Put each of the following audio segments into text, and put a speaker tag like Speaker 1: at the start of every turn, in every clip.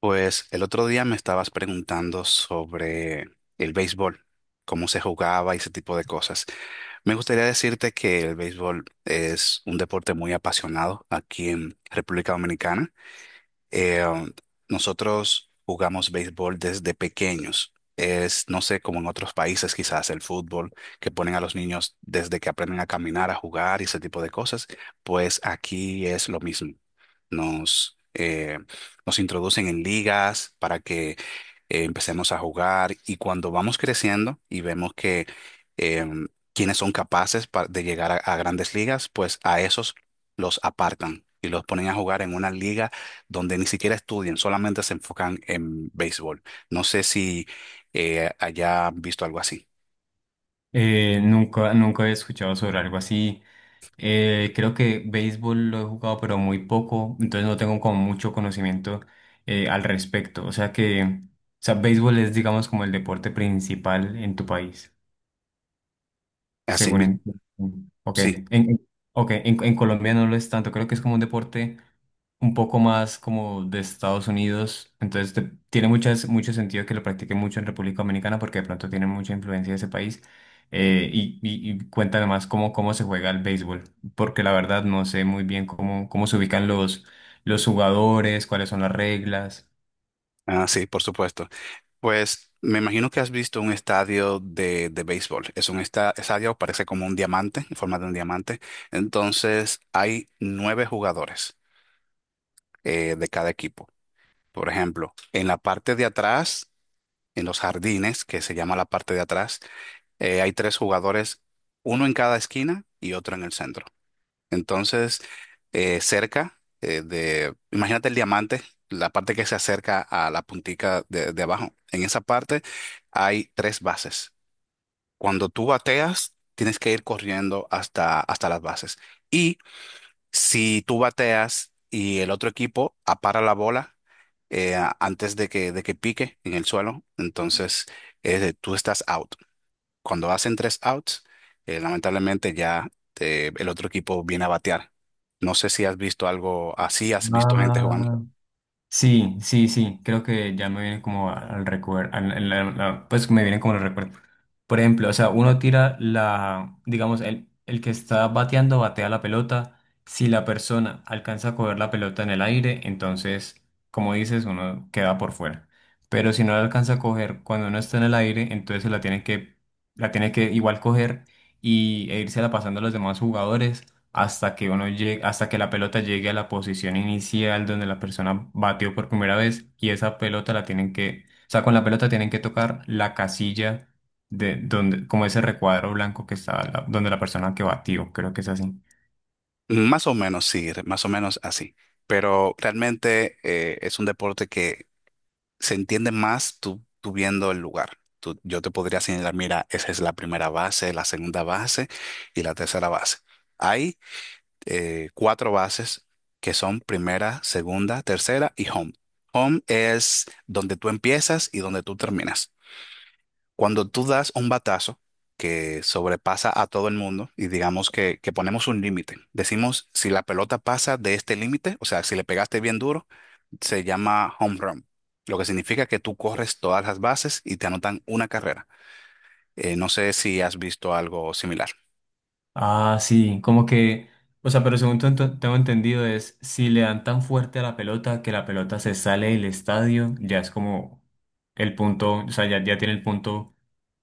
Speaker 1: Pues el otro día me estabas preguntando sobre el béisbol, cómo se jugaba y ese tipo de cosas. Me gustaría decirte que el béisbol es un deporte muy apasionado aquí en República Dominicana. Eh, um, Nosotros jugamos béisbol desde pequeños. Es, no sé, como en otros países quizás el fútbol, que ponen a los niños desde que aprenden a caminar, a jugar y ese tipo de cosas, pues aquí es lo mismo. Nos, eh, nos introducen en ligas para que empecemos a jugar y cuando vamos creciendo y vemos que em, quienes son capaces de llegar a grandes ligas, pues a esos los apartan y los ponen a jugar en una liga donde ni siquiera estudian, solamente se enfocan en béisbol. No sé si haya visto algo así.
Speaker 2: Nunca he escuchado sobre algo así. Creo que béisbol lo he jugado, pero muy poco, entonces no tengo como mucho conocimiento al respecto. O sea, béisbol es, digamos, como el deporte principal en tu país.
Speaker 1: Así,
Speaker 2: Según entiendo. Ok.
Speaker 1: sí,
Speaker 2: Ok, en Colombia no lo es tanto. Creo que es como un deporte un poco más como de Estados Unidos. Entonces tiene mucho sentido que lo practique mucho en República Dominicana porque de pronto tiene mucha influencia de ese país. Y cuéntame más cómo se juega el béisbol, porque la verdad no sé muy bien cómo se ubican los jugadores, cuáles son las reglas.
Speaker 1: ah, sí, por supuesto. Pues me imagino que has visto un estadio de béisbol. Es un estadio, parece como un diamante, en forma de un diamante. Entonces hay nueve jugadores de cada equipo. Por ejemplo, en la parte de atrás, en los jardines, que se llama la parte de atrás, hay tres jugadores, uno en cada esquina y otro en el centro. Entonces, cerca de, imagínate el diamante, la parte que se acerca a la puntica de abajo. En esa parte hay tres bases. Cuando tú bateas, tienes que ir corriendo hasta, hasta las bases. Y si tú bateas y el otro equipo apara la bola antes de que, pique en el suelo, entonces tú estás out. Cuando hacen tres outs, lamentablemente ya el otro equipo viene a batear. No sé si has visto algo así, has visto gente jugando.
Speaker 2: Ah, sí, sí, sí, creo que ya me vienen como al recuerdo, pues me vienen como el recuerdo. Por ejemplo, o sea, uno tira la, digamos, el que está bateando batea la pelota. Si la persona alcanza a coger la pelota en el aire, entonces, como dices, uno queda por fuera. Pero si no la alcanza a coger cuando uno está en el aire, entonces la tiene que igual coger y, e irse la pasando a los demás jugadores hasta que la pelota llegue a la posición inicial donde la persona batió por primera vez y esa pelota la tienen que, o sea, con la pelota tienen que tocar la casilla de donde, como ese recuadro blanco que está donde la persona que batió, creo que es así.
Speaker 1: Más o menos, sí, más o menos así. Pero realmente es un deporte que se entiende más tú viendo el lugar. Yo te podría señalar, mira, esa es la primera base, la segunda base y la tercera base. Hay cuatro bases que son primera, segunda, tercera y home. Home es donde tú empiezas y donde tú terminas. Cuando tú das un batazo que sobrepasa a todo el mundo y digamos que ponemos un límite, decimos si la pelota pasa de este límite, o sea, si le pegaste bien duro, se llama home run, lo que significa que tú corres todas las bases y te anotan una carrera. No sé si has visto algo similar.
Speaker 2: Ah, sí, como que, o sea, pero según tengo entendido es si le dan tan fuerte a la pelota que la pelota se sale del estadio, ya es como el punto, o sea, ya, ya tiene el punto.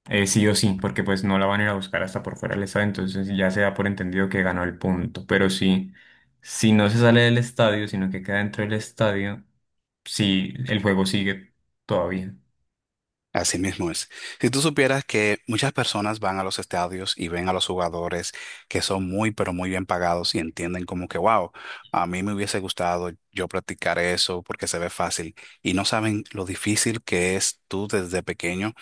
Speaker 2: Sí o sí, porque pues no la van a ir a buscar hasta por fuera del estadio, entonces ya se da por entendido que ganó el punto. Pero sí, si no se sale del estadio, sino que queda dentro del estadio, sí, el juego sigue todavía.
Speaker 1: Así mismo es. Si tú supieras que muchas personas van a los estadios y ven a los jugadores que son muy, pero muy bien pagados y entienden como que, wow, a mí me hubiese gustado yo practicar eso porque se ve fácil y no saben lo difícil que es tú desde pequeño,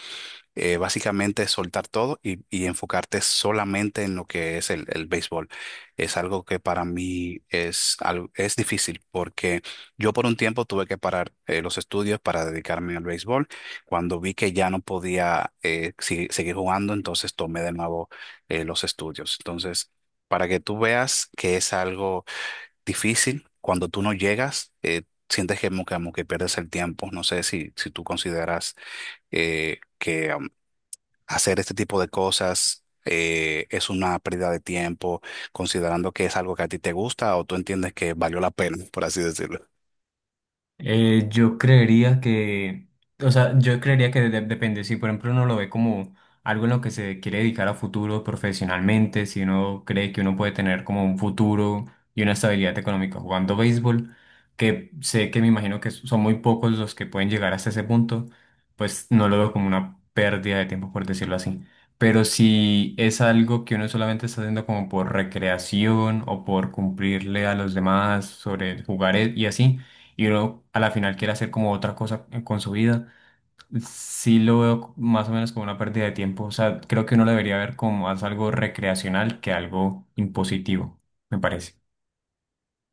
Speaker 1: básicamente es soltar todo y enfocarte solamente en lo que es el béisbol. Es algo que para mí es difícil porque yo por un tiempo tuve que parar los estudios para dedicarme al béisbol. Cuando vi que ya no podía seguir jugando, entonces tomé de nuevo los estudios. Entonces, para que tú veas que es algo difícil, cuando tú no llegas, sientes que como que pierdes el tiempo. No sé si, si tú consideras que hacer este tipo de cosas es una pérdida de tiempo, considerando que es algo que a ti te gusta o tú entiendes que valió la pena, por así decirlo.
Speaker 2: Eh, yo creería que, yo creería que depende, si por ejemplo uno lo ve como algo en lo que se quiere dedicar a futuro profesionalmente, si uno cree que uno puede tener como un futuro y una estabilidad económica jugando béisbol, que sé que me imagino que son muy pocos los que pueden llegar hasta ese punto, pues no lo veo como una pérdida de tiempo, por decirlo así. Pero si es algo que uno solamente está haciendo como por recreación o por cumplirle a los demás sobre jugar y así, y uno a la final quiere hacer como otra cosa con su vida, sí lo veo más o menos como una pérdida de tiempo. O sea, creo que uno lo debería ver como más algo recreacional que algo impositivo, me parece.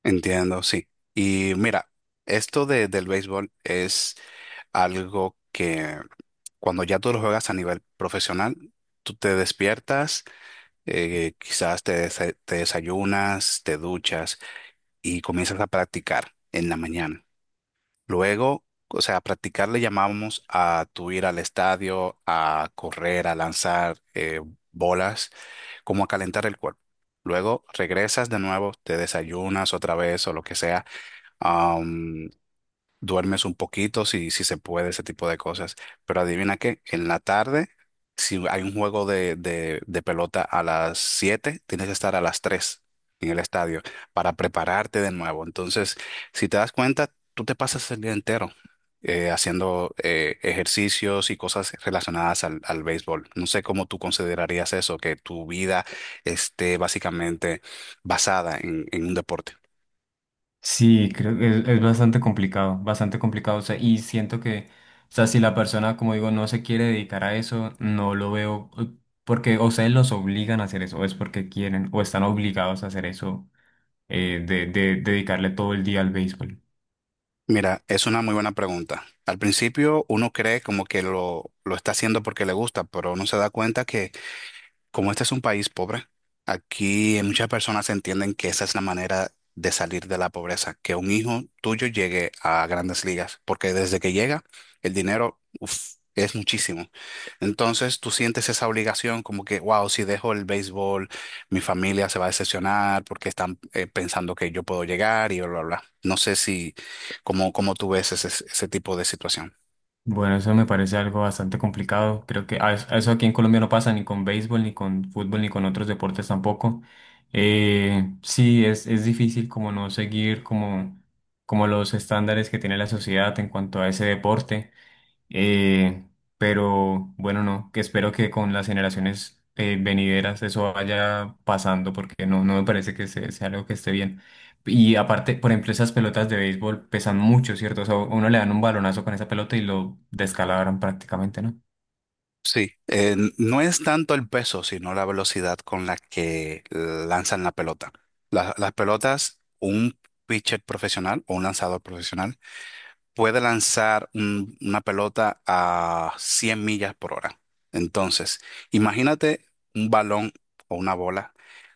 Speaker 1: Entiendo, sí. Y mira, esto de, del béisbol es algo que cuando ya tú lo juegas a nivel profesional, tú te despiertas, quizás te desayunas, te duchas y comienzas a practicar en la mañana. Luego, o sea, practicar le llamamos a tu ir al estadio, a correr, a lanzar bolas, como a calentar el cuerpo. Luego regresas de nuevo, te desayunas otra vez o lo que sea, duermes un poquito, si se puede, ese tipo de cosas. Pero adivina qué, en la tarde, si hay un juego de pelota a las 7 tienes que estar a las 3 en el estadio para prepararte de nuevo. Entonces, si te das cuenta, tú te pasas el día entero haciendo ejercicios y cosas relacionadas al béisbol. No sé cómo tú considerarías eso, que tu vida esté básicamente basada en un deporte.
Speaker 2: Sí, creo que es bastante complicado, bastante complicado. O sea, y siento que, o sea, si la persona, como digo, no se quiere dedicar a eso, no lo veo porque o sea, los obligan a hacer eso, o es porque quieren, o están obligados a hacer eso, de dedicarle todo el día al béisbol.
Speaker 1: Mira, es una muy buena pregunta. Al principio uno cree como que lo está haciendo porque le gusta, pero uno se da cuenta que como este es un país pobre, aquí muchas personas entienden que esa es la manera de salir de la pobreza, que un hijo tuyo llegue a grandes ligas, porque desde que llega, el dinero, uf, es muchísimo. Entonces tú sientes esa obligación como que, wow, si dejo el béisbol, mi familia se va a decepcionar porque están pensando que yo puedo llegar y bla, bla, bla. No sé si, cómo, cómo tú ves ese, ese tipo de situación.
Speaker 2: Bueno, eso me parece algo bastante complicado. Creo que a eso aquí en Colombia no pasa ni con béisbol, ni con fútbol, ni con otros deportes tampoco. Es difícil como no seguir como, como los estándares que tiene la sociedad en cuanto a ese deporte. Eh, pero bueno, no, que espero que con las generaciones venideras eso vaya pasando porque no, no me parece que sea algo que esté bien. Y aparte, por ejemplo, esas pelotas de béisbol pesan mucho, ¿cierto? O sea, uno le dan un balonazo con esa pelota y lo descalabran prácticamente, ¿no?
Speaker 1: Sí, no es tanto el peso, sino la velocidad con la que lanzan la pelota. Las pelotas, un pitcher profesional o un lanzador profesional puede lanzar una pelota a 100 millas por hora. Entonces, imagínate un balón o una bola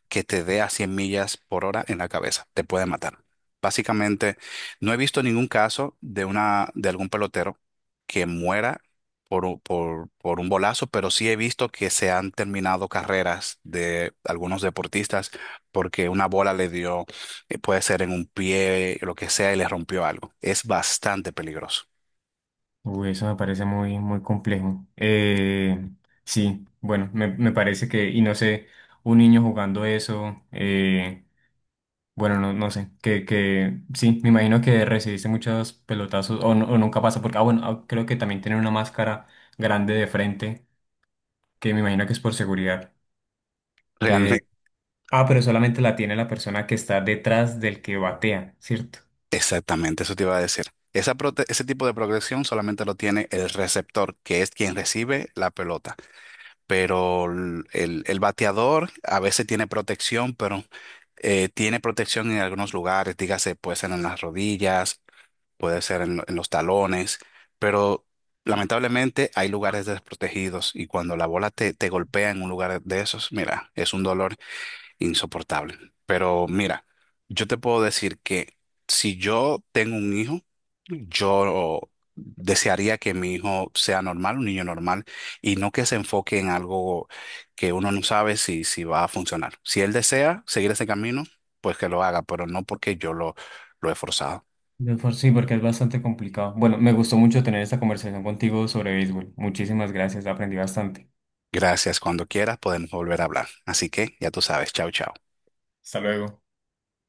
Speaker 1: que te dé a 100 millas por hora en la cabeza, te puede matar. Básicamente, no he visto ningún caso de algún pelotero que muera por un bolazo, pero sí he visto que se han terminado carreras de algunos deportistas porque una bola le dio, puede ser en un pie, lo que sea, y le rompió algo. Es bastante peligroso.
Speaker 2: Uy, eso me parece muy complejo. Sí, bueno, me parece que, y no sé, un niño jugando eso. Bueno, no, no sé, que sí, me imagino que recibiste muchos pelotazos o, o nunca pasa porque, ah, bueno, ah, creo que también tienen una máscara grande de frente, que me imagino que es por seguridad, que,
Speaker 1: Realmente,
Speaker 2: ah, pero solamente la tiene la persona que está detrás del que batea, ¿cierto?
Speaker 1: exactamente, eso te iba a decir. Esa ese tipo de progresión solamente lo tiene el receptor, que es quien recibe la pelota. Pero el bateador a veces tiene protección, pero tiene protección en algunos lugares, dígase, puede ser en las rodillas, puede ser en los talones, pero lamentablemente hay lugares desprotegidos y cuando la bola te golpea en un lugar de esos, mira, es un dolor insoportable. Pero mira, yo te puedo decir que si yo tengo un hijo, yo desearía que mi hijo sea normal, un niño normal, y no que se enfoque en algo que uno no sabe si, si va a funcionar. Si él desea seguir ese camino, pues que lo haga, pero no porque yo lo he forzado.
Speaker 2: De por sí, porque es bastante complicado. Bueno, me gustó mucho tener esta conversación contigo sobre béisbol. Muchísimas gracias, aprendí bastante.
Speaker 1: Gracias. Cuando quieras podemos volver a hablar. Así que ya tú sabes. Chao, chao.
Speaker 2: Hasta luego.